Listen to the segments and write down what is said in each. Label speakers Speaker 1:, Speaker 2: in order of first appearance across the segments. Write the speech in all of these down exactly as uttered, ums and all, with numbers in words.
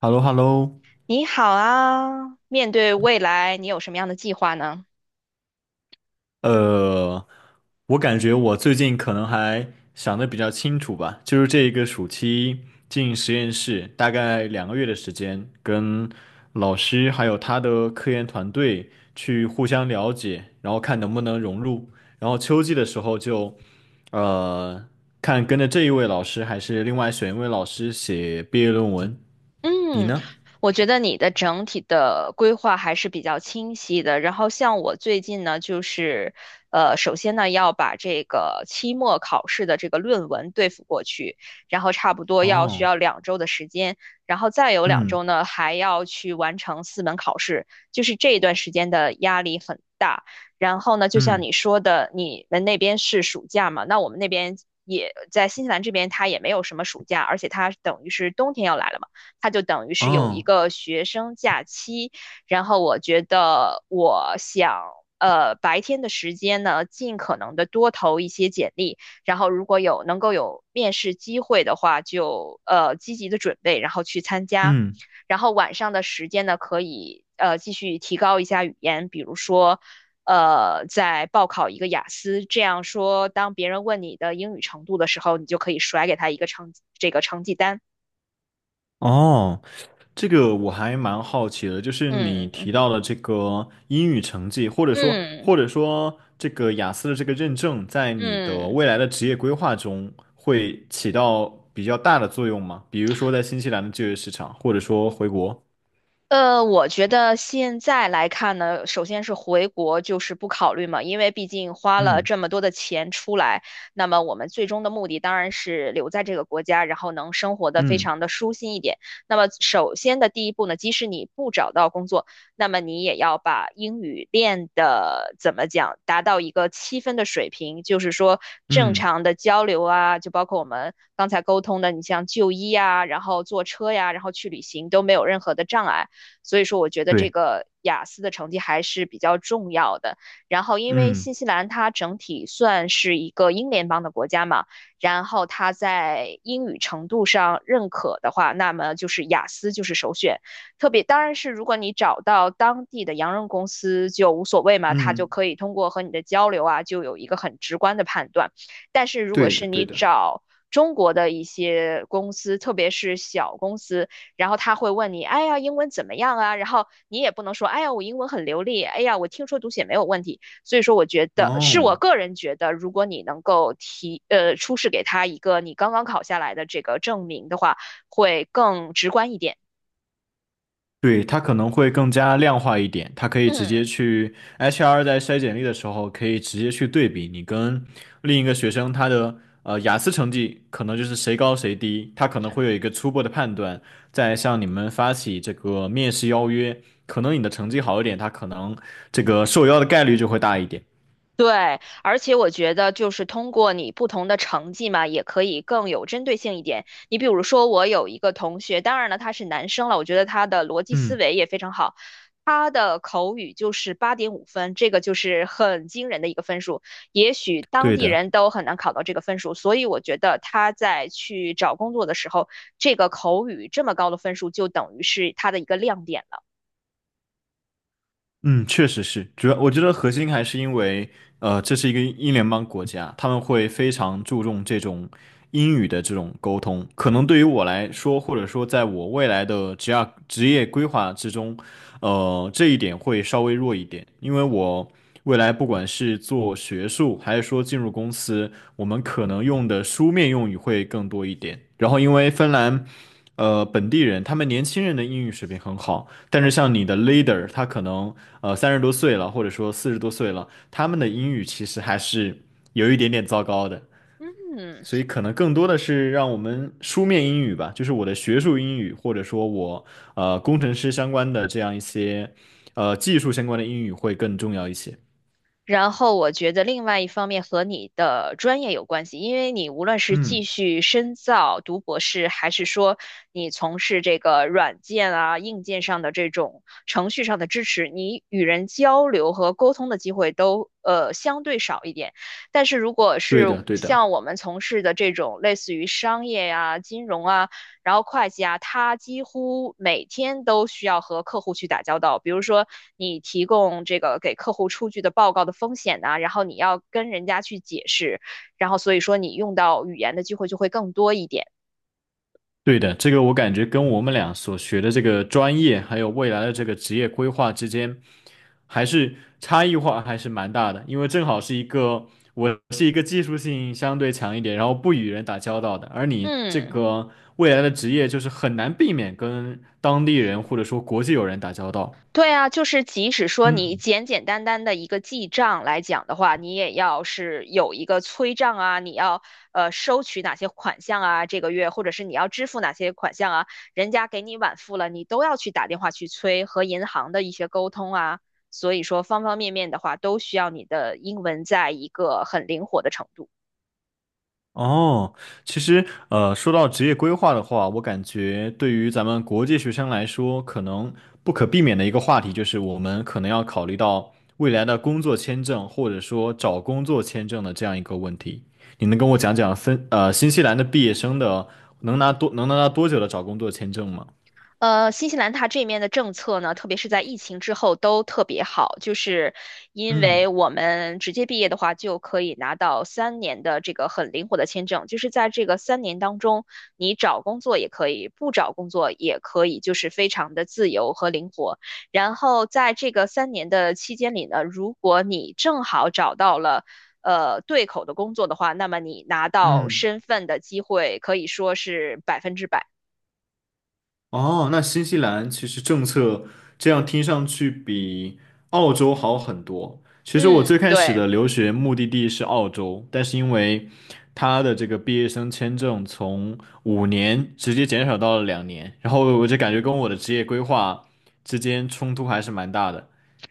Speaker 1: h e l l o h e l l o
Speaker 2: 你好啊，面对未来，你有什么样的计划呢？
Speaker 1: 呃，我感觉我最近可能还想的比较清楚吧，就是这一个暑期进实验室，大概两个月的时间，跟老师还有他的科研团队去互相了解，然后看能不能融入，然后秋季的时候就，呃，看跟着这一位老师还是另外选一位老师写毕业论文，你
Speaker 2: 嗯，
Speaker 1: 呢？
Speaker 2: 我觉得你的整体的规划还是比较清晰的。然后像我最近呢，就是呃，首先呢要把这个期末考试的这个论文对付过去，然后差不多要需
Speaker 1: 哦。
Speaker 2: 要两周的时间，然后再有两
Speaker 1: 嗯
Speaker 2: 周呢还要去完成四门考试，就是这一段时间的压力很大。然后呢，就像
Speaker 1: 嗯。
Speaker 2: 你说的，你们那边是暑假嘛？那我们那边也在新西兰这边，它也没有什么暑假，而且它等于是冬天要来了嘛。它就等于是有一
Speaker 1: 哦。
Speaker 2: 个学生假期。然后我觉得我想，呃，白天的时间呢，尽可能的多投一些简历，然后如果有能够有面试机会的话，就呃积极的准备，然后去参加。
Speaker 1: 嗯。
Speaker 2: 然后晚上的时间呢，可以呃继续提高一下语言，比如说。呃，再报考一个雅思，这样说，当别人问你的英语程度的时候，你就可以甩给他一个成这个成绩单。
Speaker 1: 哦。这个我还蛮好奇的，就是你
Speaker 2: 嗯
Speaker 1: 提
Speaker 2: 嗯。
Speaker 1: 到的这个英语成绩，或者说
Speaker 2: 嗯
Speaker 1: 或者说这个雅思的这个认证，在你的
Speaker 2: 嗯。
Speaker 1: 未来的职业规划中会起到比较大的作用吗？比如说在新西兰的就业市场，或者说回国。
Speaker 2: 呃，我觉得现在来看呢，首先是回国就是不考虑嘛，因为毕竟花了
Speaker 1: 嗯
Speaker 2: 这么多的钱出来，那么我们最终的目的当然是留在这个国家，然后能生活的非
Speaker 1: 嗯
Speaker 2: 常的舒心一点。那么首先的第一步呢，即使你不找到工作，那么你也要把英语练的怎么讲，达到一个七分的水平，就是说正
Speaker 1: 嗯。
Speaker 2: 常的交流啊，就包括我们刚才沟通的，你像就医呀，然后坐车呀，然后去旅行都没有任何的障碍。所以说，我觉得这
Speaker 1: 对。
Speaker 2: 个雅思的成绩还是比较重要的。然后，因为
Speaker 1: 嗯
Speaker 2: 新西兰它整体算是一个英联邦的国家嘛，然后它在英语程度上认可的话，那么就是雅思就是首选。特别当然是如果你找到当地的洋人公司就无所谓嘛，他就
Speaker 1: 嗯。
Speaker 2: 可以通过和你的交流啊，就有一个很直观的判断。但是如果
Speaker 1: 对的
Speaker 2: 是
Speaker 1: 对
Speaker 2: 你
Speaker 1: 的。
Speaker 2: 找中国的一些公司，特别是小公司，然后他会问你，哎呀，英文怎么样啊？然后你也不能说，哎呀，我英文很流利，哎呀，我听说读写没有问题。所以说，我觉得是
Speaker 1: 哦。
Speaker 2: 我个人觉得，如果你能够提，呃，出示给他一个你刚刚考下来的这个证明的话，会更直观一点。
Speaker 1: 对，它可能会更加量化一点，它可以直
Speaker 2: 嗯。
Speaker 1: 接去 H R 在筛简历的时候，可以直接去对比你跟另一个学生他的呃雅思成绩，可能就是谁高谁低，他可能会有一个初步的判断。再向你们发起这个面试邀约，可能你的成绩好一点，他可能这个受邀的概率就会大一点。
Speaker 2: 对，而且我觉得就是通过你不同的成绩嘛，也可以更有针对性一点。你比如说，我有一个同学，当然了，他是男生了，我觉得他的逻辑思
Speaker 1: 嗯，
Speaker 2: 维也非常好，他的口语就是八点五分，这个就是很惊人的一个分数，也许当
Speaker 1: 对
Speaker 2: 地
Speaker 1: 的。
Speaker 2: 人都很难考到这个分数，所以我觉得他在去找工作的时候，这个口语这么高的分数就等于是他的一个亮点了。
Speaker 1: 嗯，确实是，主要我觉得核心还是因为，呃，这是一个英联邦国家，他们会非常注重这种英语的这种沟通。可能对于我来说，或者说在我未来的职业职业规划之中，呃，这一点会稍微弱一点，因为我未来不管是做学术，还是说进入公司，我们可能用的书面用语会更多一点。然后，因为芬兰，呃，本地人他们年轻人的英语水平很好。但是像你的 leader，他可能呃三十多岁了，或者说四十多岁了，他们的英语其实还是有一点点糟糕的，
Speaker 2: 嗯。
Speaker 1: 所以可能更多的是让我们书面英语吧，就是我的学术英语，或者说我呃工程师相关的这样一些呃技术相关的英语会更重要一些。
Speaker 2: 然后我觉得另外一方面和你的专业有关系，因为你无论是继
Speaker 1: 嗯。
Speaker 2: 续深造读博士，还是说你从事这个软件啊、硬件上的这种程序上的支持，你与人交流和沟通的机会都呃相对少一点。但是如果
Speaker 1: 对
Speaker 2: 是
Speaker 1: 的，对的。
Speaker 2: 像我们从事的这种类似于商业呀、金融啊，然后会计啊，他几乎每天都需要和客户去打交道。比如说，你提供这个给客户出具的报告的风险呐、然后你要跟人家去解释，然后所以说你用到语言的机会就会更多一点。
Speaker 1: 对的，这个我感觉跟我们俩所学的这个专业，还有未来的这个职业规划之间，还是差异化还是蛮大的。因为正好是一个，我是一个技术性相对强一点，然后不与人打交道的，而你这
Speaker 2: 嗯。
Speaker 1: 个未来的职业就是很难避免跟当地人或者说国际友人打交道。
Speaker 2: 对啊，就是即使说你
Speaker 1: 嗯。
Speaker 2: 简简单单的一个记账来讲的话，你也要是有一个催账啊，你要呃收取哪些款项啊，这个月或者是你要支付哪些款项啊，人家给你晚付了，你都要去打电话去催和银行的一些沟通啊，所以说方方面面的话都需要你的英文在一个很灵活的程度。
Speaker 1: 哦，其实呃，说到职业规划的话，我感觉对于咱们国际学生来说，可能不可避免的一个话题就是，我们可能要考虑到未来的工作签证或者说找工作签证的这样一个问题。你能跟我讲讲分呃新西兰的毕业生的能拿多能拿到多久的找工作签证吗？
Speaker 2: 呃，新西兰它这面的政策呢，特别是在疫情之后都特别好，就是因为
Speaker 1: 嗯
Speaker 2: 我们直接毕业的话，就可以拿到三年的这个很灵活的签证，就是在这个三年当中，你找工作也可以，不找工作也可以，就是非常的自由和灵活。然后在这个三年的期间里呢，如果你正好找到了。呃，对口的工作的话，那么你拿到
Speaker 1: 嗯。
Speaker 2: 身份的机会可以说是百分之百。
Speaker 1: 哦，那新西兰其实政策这样听上去比澳洲好很多。其实我最
Speaker 2: 嗯，
Speaker 1: 开始
Speaker 2: 对。
Speaker 1: 的留学目的地是澳洲，但是因为他的这个毕业生签证从五年直接减少到了两年，然后我就感觉跟我的职业规划之间冲突还是蛮大的，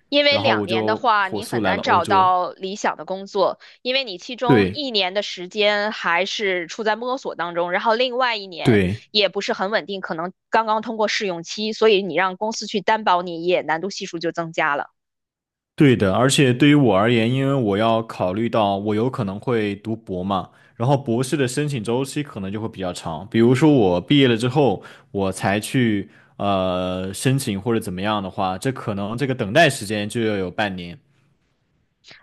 Speaker 2: 因为
Speaker 1: 然后
Speaker 2: 两
Speaker 1: 我
Speaker 2: 年的
Speaker 1: 就
Speaker 2: 话，
Speaker 1: 火
Speaker 2: 你
Speaker 1: 速
Speaker 2: 很
Speaker 1: 来
Speaker 2: 难
Speaker 1: 了欧
Speaker 2: 找
Speaker 1: 洲。
Speaker 2: 到理想的工作，因为你其中
Speaker 1: 对。
Speaker 2: 一年的时间还是处在摸索当中，然后另外一年
Speaker 1: 对。
Speaker 2: 也不是很稳定，可能刚刚通过试用期，所以你让公司去担保你也难度系数就增加了。
Speaker 1: 对的，而且对于我而言，因为我要考虑到我有可能会读博嘛，然后博士的申请周期可能就会比较长。比如说我毕业了之后，我才去呃申请或者怎么样的话，这可能这个等待时间就要有半年。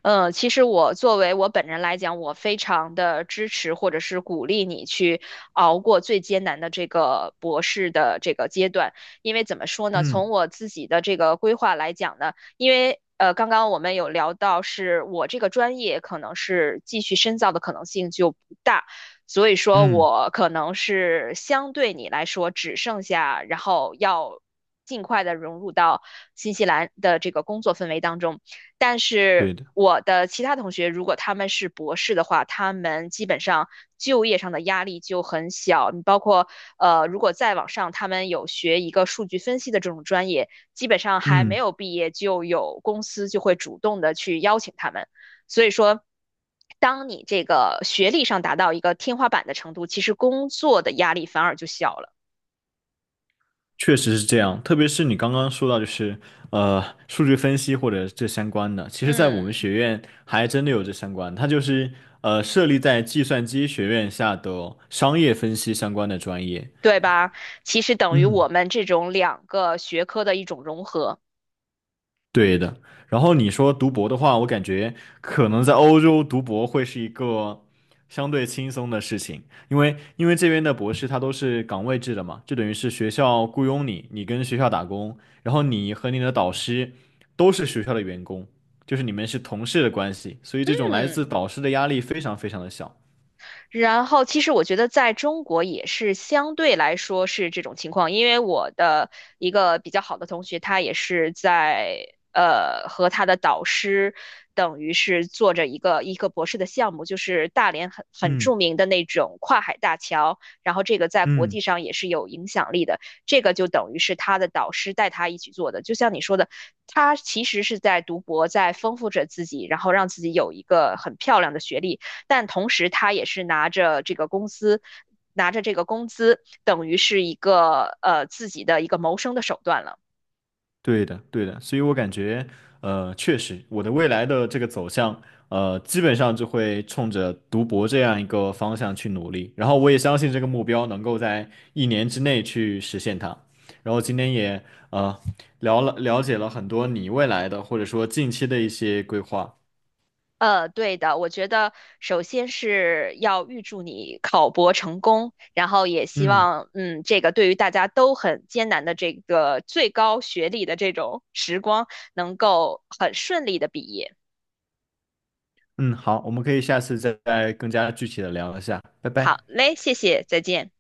Speaker 2: 呃，其实我作为我本人来讲，我非常的支持或者是鼓励你去熬过最艰难的这个博士的这个阶段，因为怎么说呢，
Speaker 1: 嗯
Speaker 2: 从我自己的这个规划来讲呢，因为。呃，刚刚我们有聊到，是我这个专业可能是继续深造的可能性就不大，所以说
Speaker 1: 嗯，
Speaker 2: 我可能是相对你来说只剩下，然后要尽快的融入到新西兰的这个工作氛围当中。但
Speaker 1: 对
Speaker 2: 是
Speaker 1: 的。
Speaker 2: 我的其他同学，如果他们是博士的话，他们基本上就业上的压力就很小。你包括呃，如果再往上，他们有学一个数据分析的这种专业，基本上还没
Speaker 1: 嗯。
Speaker 2: 有毕业就有公司就会主动的去邀请他们。所以说，当你这个学历上达到一个天花板的程度，其实工作的压力反而就小了。
Speaker 1: 确实是这样，特别是你刚刚说到，就是呃，数据分析或者这相关的，其实，在我们
Speaker 2: 嗯，
Speaker 1: 学院还真的有这相关，它就是呃，设立在计算机学院下的商业分析相关的专业。
Speaker 2: 对吧？其实等于
Speaker 1: 嗯，
Speaker 2: 我们这种两个学科的一种融合。
Speaker 1: 对的。然后你说读博的话，我感觉可能在欧洲读博会是一个相对轻松的事情，因为因为这边的博士他都是岗位制的嘛，就等于是学校雇佣你，你跟学校打工，然后你和你的导师都是学校的员工，就是你们是同事的关系，所以这种来
Speaker 2: 嗯。
Speaker 1: 自导师的压力非常非常的小。
Speaker 2: 然后，其实我觉得在中国也是相对来说是这种情况，因为我的一个比较好的同学，他也是在呃和他的导师，等于是做着一个一个博士的项目，就是大连很很
Speaker 1: 嗯
Speaker 2: 著名的那种跨海大桥，然后这个在国际
Speaker 1: 嗯。
Speaker 2: 上也是有影响力的，这个就等于是他的导师带他一起做的，就像你说的，他其实是在读博，在丰富着自己，然后让自己有一个很漂亮的学历。但同时他也是拿着这个公司。拿着这个工资，等于是一个呃自己的一个谋生的手段了。
Speaker 1: 对的，对的，所以我感觉，呃，确实，我的未来的这个走向，呃，基本上就会冲着读博这样一个方向去努力。然后我也相信这个目标能够在一年之内去实现它。然后今天也呃聊了了解了很多你未来的或者说近期的一些规划。
Speaker 2: 呃，对的，我觉得首先是要预祝你考博成功，然后也希
Speaker 1: 嗯
Speaker 2: 望，嗯，这个对于大家都很艰难的这个最高学历的这种时光，能够很顺利的毕业。
Speaker 1: 嗯，好，我们可以下次再再更加具体的聊一下，拜
Speaker 2: 好
Speaker 1: 拜。
Speaker 2: 嘞，谢谢，再见。